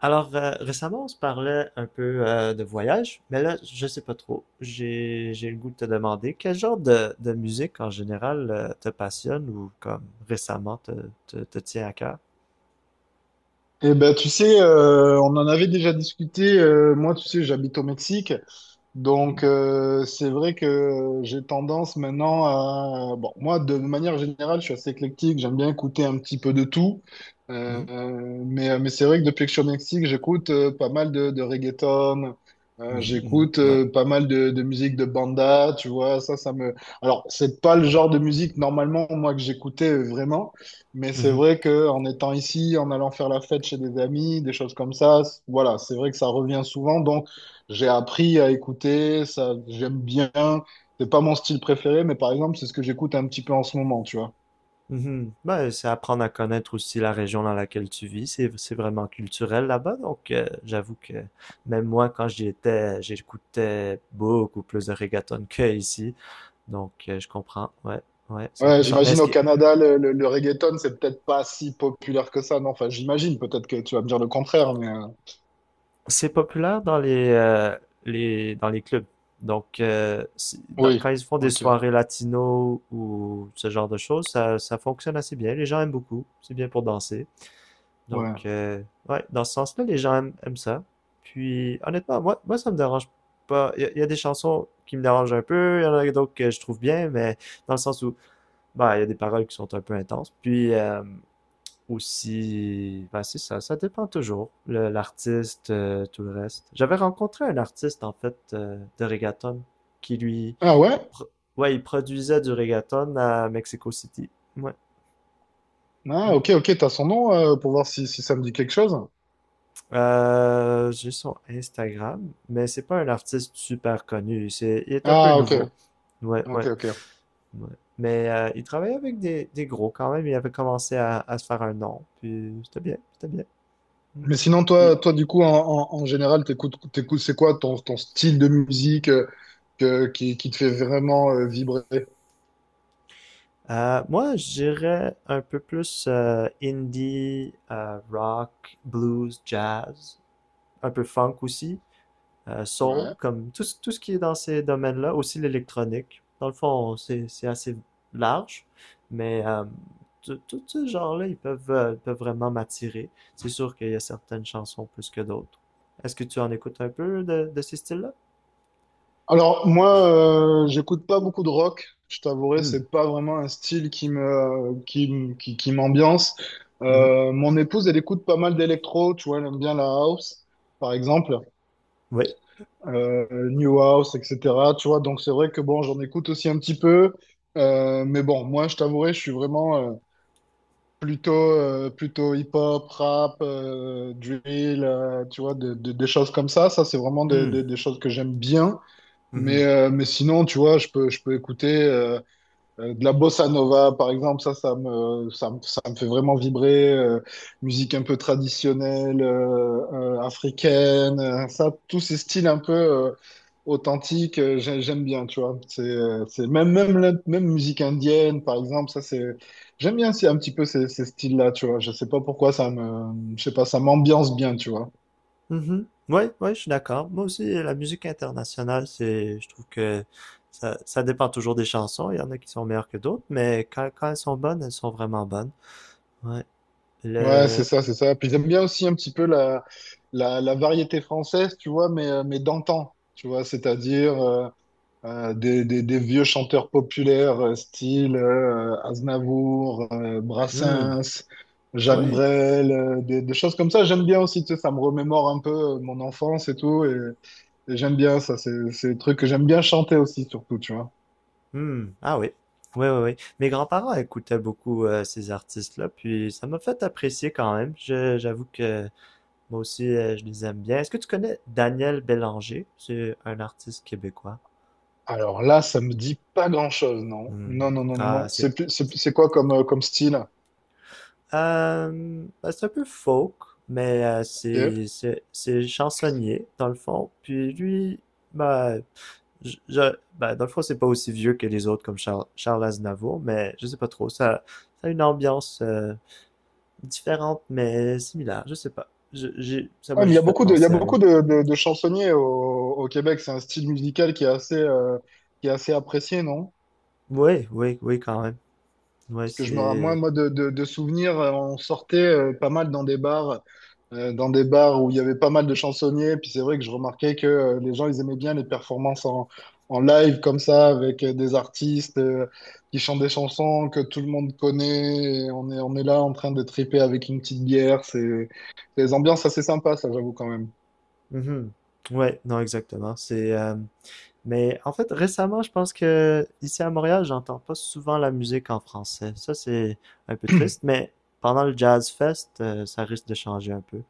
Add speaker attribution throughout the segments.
Speaker 1: Alors, récemment, on se parlait un peu de voyage, mais là, je sais pas trop. J'ai le goût de te demander quel genre de musique en général te passionne ou comme récemment te tient à cœur.
Speaker 2: Eh ben, tu sais, on en avait déjà discuté. Moi, tu sais, j'habite au Mexique.
Speaker 1: Hmm.
Speaker 2: Donc, c'est vrai que j'ai tendance maintenant à. Bon, moi, de manière générale, je suis assez éclectique. J'aime bien écouter un petit peu de tout. Euh,
Speaker 1: Mhm.
Speaker 2: mais c'est vrai que depuis que je suis au Mexique, j'écoute pas mal de reggaeton.
Speaker 1: Mhm. Mhm.
Speaker 2: J'écoute
Speaker 1: Ouais.
Speaker 2: pas mal de musique de banda, tu vois. Ça me. Alors, c'est pas le genre de musique, normalement, moi, que j'écoutais vraiment. Mais c'est
Speaker 1: Mhm.
Speaker 2: vrai que en étant ici, en allant faire la fête chez des amis, des choses comme ça, voilà, c'est vrai que ça revient souvent. Donc, j'ai appris à écouter, ça, j'aime bien. C'est pas mon style préféré, mais par exemple, c'est ce que j'écoute un petit peu en ce moment, tu vois.
Speaker 1: Mhm. Ben, c'est apprendre à connaître aussi la région dans laquelle tu vis. C'est vraiment culturel là-bas, donc j'avoue que même moi, quand j'y étais, j'écoutais beaucoup plus de reggaeton que ici, donc je comprends. Ouais. Ouais,
Speaker 2: Ouais,
Speaker 1: 100%. Mais
Speaker 2: j'imagine
Speaker 1: est-ce
Speaker 2: au
Speaker 1: que,
Speaker 2: Canada, le reggaeton, c'est peut-être pas si populaire que ça. Non, enfin, j'imagine, peut-être que tu vas me dire le contraire, mais
Speaker 1: c'est populaire dans les clubs. Donc, quand
Speaker 2: oui,
Speaker 1: ils font des
Speaker 2: ok,
Speaker 1: soirées latino ou ce genre de choses, ça fonctionne assez bien. Les gens aiment beaucoup. C'est bien pour danser. Donc,
Speaker 2: ouais.
Speaker 1: ouais, dans ce sens-là, les gens aiment ça. Puis, honnêtement, moi, ça me dérange pas. Il y a des chansons qui me dérangent un peu. Il y en a d'autres que je trouve bien, mais dans le sens où, bah, il y a des paroles qui sont un peu intenses. Puis, ou si ben c'est ça dépend toujours, l'artiste, tout le reste. J'avais rencontré un artiste, en fait, de reggaeton, qui lui,
Speaker 2: Ah ouais?
Speaker 1: pro- ouais, il produisait du reggaeton à Mexico City. Ouais.
Speaker 2: Ah,
Speaker 1: Mm.
Speaker 2: ok, ok, t'as son nom pour voir si, si ça me dit quelque chose.
Speaker 1: J'ai son Instagram, mais c'est pas un artiste super connu, c'est, il est un peu
Speaker 2: Ah, ok,
Speaker 1: nouveau. Ouais,
Speaker 2: ok,
Speaker 1: ouais,
Speaker 2: ok.
Speaker 1: ouais. Mais il travaillait avec des gros quand même, il avait commencé à se faire un nom, puis c'était bien, c'était bien. Mm.
Speaker 2: Mais sinon, toi,
Speaker 1: Puis,
Speaker 2: du coup, en général, t'écoutes, c'est quoi ton, style de musique qui te fait vraiment vibrer?
Speaker 1: Moi, je dirais un peu plus indie, rock, blues, jazz, un peu funk aussi, soul,
Speaker 2: Ouais.
Speaker 1: comme tout, tout ce qui est dans ces domaines-là, aussi l'électronique. Dans le fond, c'est assez large, mais tout ce genre-là, ils peuvent vraiment m'attirer. C'est sûr qu'il y a certaines chansons plus que d'autres. Est-ce que tu en écoutes un peu de ces styles-là?
Speaker 2: Alors, moi, j'écoute pas beaucoup de rock. Je t'avouerai,
Speaker 1: Hmm,
Speaker 2: c'est pas vraiment un style qui me, qui, m- qui m'ambiance.
Speaker 1: mhm,
Speaker 2: Mon épouse, elle écoute pas mal d'électro, tu vois, elle aime bien la house, par exemple,
Speaker 1: oui.
Speaker 2: New House, etc. Tu vois, donc c'est vrai que bon, j'en écoute aussi un petit peu. Mais bon, moi, je t'avouerai, je suis vraiment, plutôt, plutôt hip-hop, rap, drill, tu vois, des choses comme ça. Ça, c'est vraiment des
Speaker 1: Hmm,
Speaker 2: des- des choses que j'aime bien. Mais,
Speaker 1: mhm.
Speaker 2: euh, mais sinon, tu vois, je peux écouter de la bossa nova, par exemple, ça me fait vraiment vibrer. Musique un peu traditionnelle, africaine, ça, tous ces styles un peu authentiques, j'aime bien, tu vois. C'est même musique indienne, par exemple, ça, c'est, j'aime bien c'est un petit peu ces styles-là, tu vois. Je sais pas pourquoi je sais pas, ça m'ambiance bien, tu vois.
Speaker 1: Mhm. Ouais, ouais, je suis d'accord. Moi aussi, la musique internationale, c'est, je trouve que ça dépend toujours des chansons. Il y en a qui sont meilleures que d'autres, mais quand elles sont bonnes, elles sont vraiment bonnes. Ouais.
Speaker 2: Ouais, c'est
Speaker 1: Le,
Speaker 2: ça, c'est ça. Puis j'aime bien aussi un petit peu la variété française, tu vois, mais d'antan, tu vois, c'est-à-dire, des, des vieux chanteurs populaires style Aznavour,
Speaker 1: Hmm.
Speaker 2: Brassens, Jacques
Speaker 1: Oui.
Speaker 2: Brel, des choses comme ça. J'aime bien aussi, tu sais, ça me remémore un peu mon enfance et tout. Et j'aime bien ça, c'est des trucs que j'aime bien chanter aussi, surtout, tu vois.
Speaker 1: Hmm. Ah oui, oui, oui, oui. Mes grands-parents écoutaient beaucoup ces artistes-là, puis ça m'a fait apprécier quand même. J'avoue que moi aussi, je les aime bien. Est-ce que tu connais Daniel Bélanger? C'est un artiste québécois.
Speaker 2: Alors là, ça me dit pas grand-chose, non.
Speaker 1: Hmm.
Speaker 2: Non, non, non, non,
Speaker 1: Ah,
Speaker 2: non.
Speaker 1: c'est
Speaker 2: C'est quoi comme, comme style?
Speaker 1: Ben, c'est un peu folk, mais
Speaker 2: Ok. Ouais,
Speaker 1: c'est chansonnier, dans le fond. Puis lui, ben, ben, dans le fond, c'est pas aussi vieux que les autres comme Charles Aznavour, mais je sais pas trop. Ça a une ambiance différente, mais similaire. Je sais pas. Ça
Speaker 2: mais
Speaker 1: m'a
Speaker 2: il y a
Speaker 1: juste fait
Speaker 2: beaucoup de, il y a
Speaker 1: penser à lui.
Speaker 2: beaucoup de, de chansonniers au Québec. C'est un style musical qui est assez apprécié, non?
Speaker 1: Oui, oui, oui, quand même. Ouais,
Speaker 2: que je me ra- moi
Speaker 1: c'est.
Speaker 2: moi de souvenirs, on sortait pas mal dans des bars où il y avait pas mal de chansonniers. Puis c'est vrai que je remarquais que les gens, ils aimaient bien les performances en live comme ça, avec des artistes qui chantent des chansons que tout le monde connaît, et on est là en train de triper avec une petite bière. C'est des ambiances assez sympas, ça, j'avoue quand même.
Speaker 1: Mhm. Ouais, non, exactement. C'est. Mais en fait, récemment, je pense que ici à Montréal, j'entends pas souvent la musique en français. Ça, c'est un peu triste, mais pendant le Jazz Fest, ça risque de changer un peu.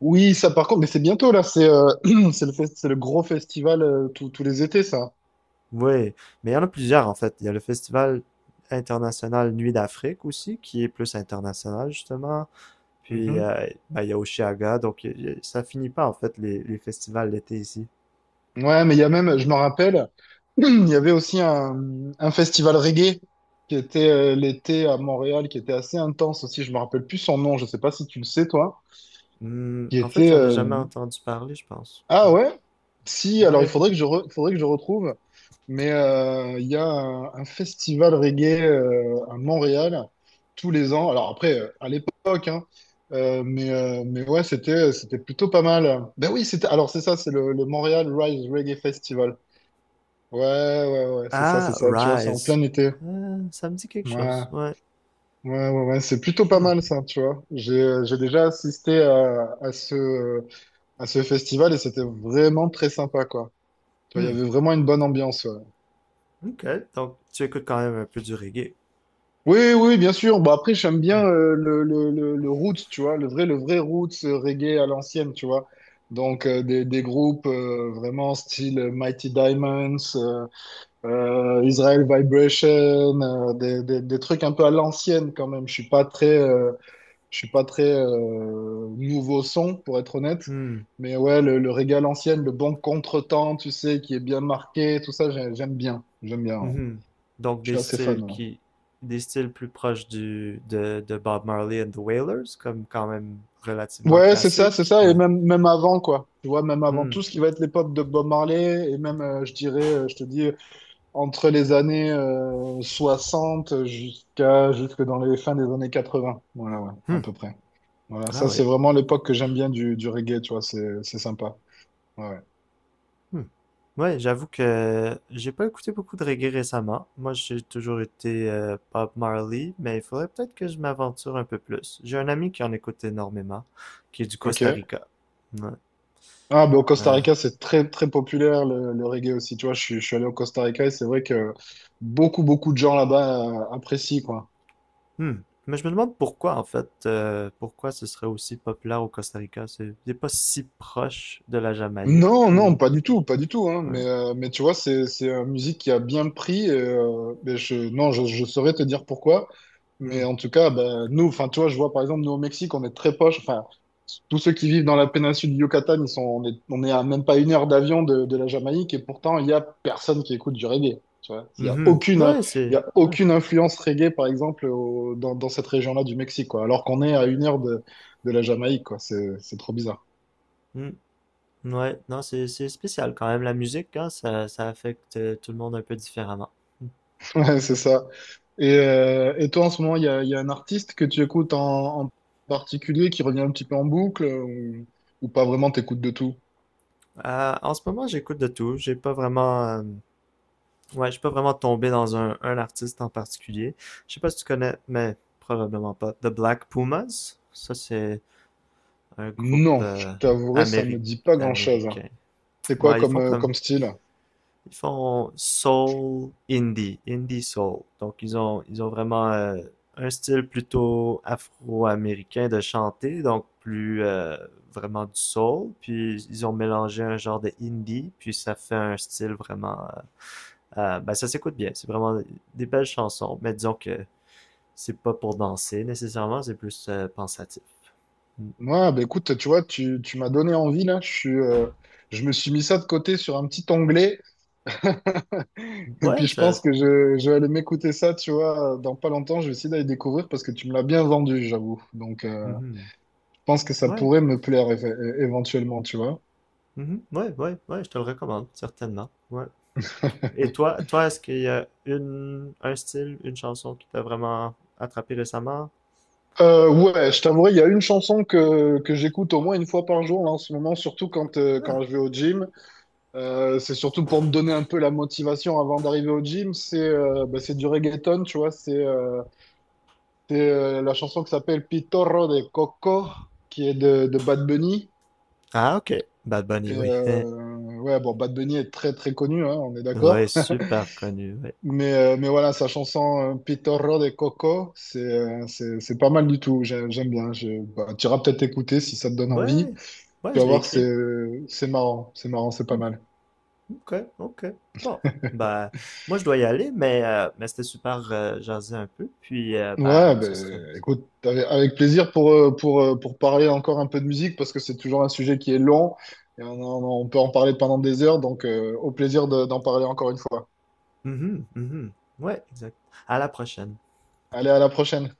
Speaker 2: Oui, ça par contre, mais c'est bientôt là. C'est c'est le gros festival, tous les étés, ça.
Speaker 1: Oui, mais il y en a plusieurs en fait. Il y a le Festival international Nuit d'Afrique aussi, qui est plus international justement. Puis
Speaker 2: Mhm.
Speaker 1: ben, il y a Oshiaga, donc ça finit pas en fait les festivals d'été ici.
Speaker 2: Ouais, mais il y a même, je me rappelle, il y avait aussi un, festival reggae qui était l'été à Montréal, qui était assez intense aussi. Je me rappelle plus son nom, je sais pas si tu le sais, toi.
Speaker 1: Hmm,
Speaker 2: Qui
Speaker 1: en fait,
Speaker 2: était.
Speaker 1: j'en ai jamais entendu parler, je pense.
Speaker 2: Ah
Speaker 1: Ouais.
Speaker 2: ouais? Si, alors
Speaker 1: Ouais.
Speaker 2: il faudrait que je retrouve. Mais il y a un, festival reggae à Montréal tous les ans. Alors après, à l'époque, hein, mais ouais, c'était plutôt pas mal. Ben oui, c'était, alors c'est ça, c'est le Montréal Rise Reggae Festival. Ouais, ouais, ouais, c'est ça, c'est
Speaker 1: Ah,
Speaker 2: ça. Tu vois, c'est en
Speaker 1: Rise.
Speaker 2: plein été.
Speaker 1: Ça me dit quelque chose.
Speaker 2: Ouais,
Speaker 1: Ouais.
Speaker 2: ouais, ouais, ouais, c'est plutôt pas
Speaker 1: Hmm.
Speaker 2: mal ça, tu vois. J'ai déjà assisté à ce festival, et c'était vraiment très sympa, quoi. Tu vois,
Speaker 1: Hmm,
Speaker 2: il y avait vraiment une bonne ambiance. Ouais.
Speaker 1: ok. Donc, tu écoutes quand même un peu du reggae.
Speaker 2: Oui, oui, bien sûr. Bon, après, j'aime
Speaker 1: Hmm.
Speaker 2: bien le roots, tu vois, le vrai roots reggae à l'ancienne, tu vois. Donc, des groupes vraiment style Mighty Diamonds, Israel Vibration, des trucs un peu à l'ancienne quand même. Je suis pas très, je suis pas très nouveau son, pour être honnête.
Speaker 1: Hmm,
Speaker 2: Mais ouais, le régal ancienne, le bon contretemps, tu sais, qui est bien marqué, tout ça, j'aime bien. J'aime bien. Ouais.
Speaker 1: mhm. Donc,
Speaker 2: Je suis assez fan. Ouais,
Speaker 1: des styles plus proches de Bob Marley and the Wailers, comme quand même relativement
Speaker 2: ouais, c'est ça, c'est
Speaker 1: classique.
Speaker 2: ça. Et
Speaker 1: Ouais.
Speaker 2: même, même avant, quoi. Tu vois, même avant
Speaker 1: Hmm,
Speaker 2: tout ce qui va être l'époque de Bob Marley, et même, je dirais, je te dis, entre les années 60 jusqu'à, jusque dans les fins des années 80. Voilà, ouais,
Speaker 1: hmm.
Speaker 2: à peu près. Voilà,
Speaker 1: Ah
Speaker 2: ça, c'est
Speaker 1: ouais.
Speaker 2: vraiment l'époque que j'aime bien du reggae, tu vois, c'est sympa. Ouais. Ouais.
Speaker 1: Hmm. Ouais, j'avoue que j'ai pas écouté beaucoup de reggae récemment. Moi, j'ai toujours été Bob Marley, mais il faudrait peut-être que je m'aventure un peu plus. J'ai un ami qui en écoute énormément, qui est du Costa
Speaker 2: Ok.
Speaker 1: Rica. Ouais.
Speaker 2: Ah, ben, au Costa
Speaker 1: Euh,
Speaker 2: Rica, c'est très, très populaire le reggae aussi. Tu vois, je suis allé au Costa Rica, et c'est vrai que beaucoup, beaucoup de gens là-bas apprécient, quoi.
Speaker 1: Hmm. Mais je me demande pourquoi, en fait, pourquoi ce serait aussi populaire au Costa Rica. C'est pas si proche de la Jamaïque
Speaker 2: Non, non,
Speaker 1: ou.
Speaker 2: pas du tout, pas du tout, hein. Mais,
Speaker 1: Ouais,
Speaker 2: euh, mais tu vois, c'est une musique qui a bien pris. Et, mais non, je saurais te dire pourquoi.
Speaker 1: Hmm.
Speaker 2: Mais en tout cas, bah, nous, enfin, tu vois, je vois par exemple, nous au Mexique, on est très proche. Enfin, tous ceux qui vivent dans la péninsule du Yucatan, on est à même pas une heure d'avion de la Jamaïque, et pourtant, il y a personne qui écoute du reggae. Tu vois, il y a
Speaker 1: Mhm.
Speaker 2: aucune,
Speaker 1: Ouais,
Speaker 2: il
Speaker 1: c'est.
Speaker 2: y a
Speaker 1: Ouais.
Speaker 2: aucune influence reggae, par exemple, dans cette région-là du Mexique, quoi. Alors qu'on est à une heure de la Jamaïque, quoi. C'est trop bizarre.
Speaker 1: Hmm. Ouais. Non, c'est spécial quand même. La musique, hein, ça affecte tout le monde un peu différemment. Hmm.
Speaker 2: Ouais, c'est ça. Et toi, en ce moment, il y a un artiste que tu écoutes en particulier qui revient un petit peu en boucle, ou pas vraiment, t'écoutes de tout?
Speaker 1: En ce moment, j'écoute de tout. J'ai pas vraiment. Ouais, je suis pas vraiment tombé dans un artiste en particulier. Je sais pas si tu connais, mais probablement pas. The Black Pumas. Ça, c'est. Un groupe
Speaker 2: Non, je t'avouerai, ça
Speaker 1: améri-
Speaker 2: me dit pas grand-chose.
Speaker 1: américain.
Speaker 2: C'est quoi
Speaker 1: Ouais, ils
Speaker 2: comme,
Speaker 1: font
Speaker 2: comme style?
Speaker 1: soul indie, indie soul. Donc ils ont vraiment un style plutôt afro-américain de chanter, donc plus vraiment du soul. Puis ils ont mélangé un genre de indie, puis ça fait un style vraiment. Ben ça s'écoute bien. C'est vraiment des belles chansons, mais disons que c'est pas pour danser nécessairement, c'est plus pensatif. Mm.
Speaker 2: Moi, bah écoute, tu vois, tu m'as donné envie là. Je me suis mis ça de côté sur un petit onglet. Et
Speaker 1: Ouais,
Speaker 2: puis je
Speaker 1: ça.
Speaker 2: pense que je vais aller m'écouter ça, tu vois, dans pas longtemps. Je vais essayer d'aller découvrir, parce que tu me l'as bien vendu, j'avoue. Donc
Speaker 1: Mhm.
Speaker 2: je pense que ça
Speaker 1: Ouais,
Speaker 2: pourrait me plaire éventuellement, tu vois.
Speaker 1: Mhm. Ouais, ouais, ouais, je te le recommande, certainement. Ouais. Et toi, est-ce qu'il y a un style, une chanson qui t'a vraiment attrapé récemment?
Speaker 2: Ouais, je t'avouerai, il y a une chanson que j'écoute au moins une fois par jour là, en ce moment, surtout quand, euh,
Speaker 1: Ah,
Speaker 2: quand je vais au gym. C'est surtout pour me donner un peu la motivation avant d'arriver au gym. C'est bah, c'est du reggaeton, tu vois. C'est la chanson qui s'appelle Pitorro de Coco, qui est de Bad Bunny.
Speaker 1: Ah, ok. Bad Bunny,
Speaker 2: Et,
Speaker 1: oui.
Speaker 2: ouais, bon, Bad Bunny est très très connu, hein, on est
Speaker 1: Ouais,
Speaker 2: d'accord.
Speaker 1: super connu, ouais.
Speaker 2: Mais voilà, sa chanson Pitorro de Coco, c'est pas mal du tout. J'aime bien. Bah, tu iras peut-être écouter si ça te donne envie.
Speaker 1: Ouais, ouais,
Speaker 2: Tu vas
Speaker 1: je l'ai
Speaker 2: voir,
Speaker 1: écrit.
Speaker 2: c'est marrant, c'est marrant, c'est pas
Speaker 1: Hmm,
Speaker 2: mal.
Speaker 1: ok, ok. Bon, bah, moi, je dois y aller, mais c'était super jaser un peu, puis, bah,
Speaker 2: Ouais,
Speaker 1: ce serait...
Speaker 2: ben écoute, avec plaisir pour parler encore un peu de musique, parce que c'est toujours un sujet qui est long, et on peut en parler pendant des heures, donc au plaisir d'en parler encore une fois.
Speaker 1: Mhm, mhm. Ouais, exact. À la prochaine.
Speaker 2: Allez, à la prochaine.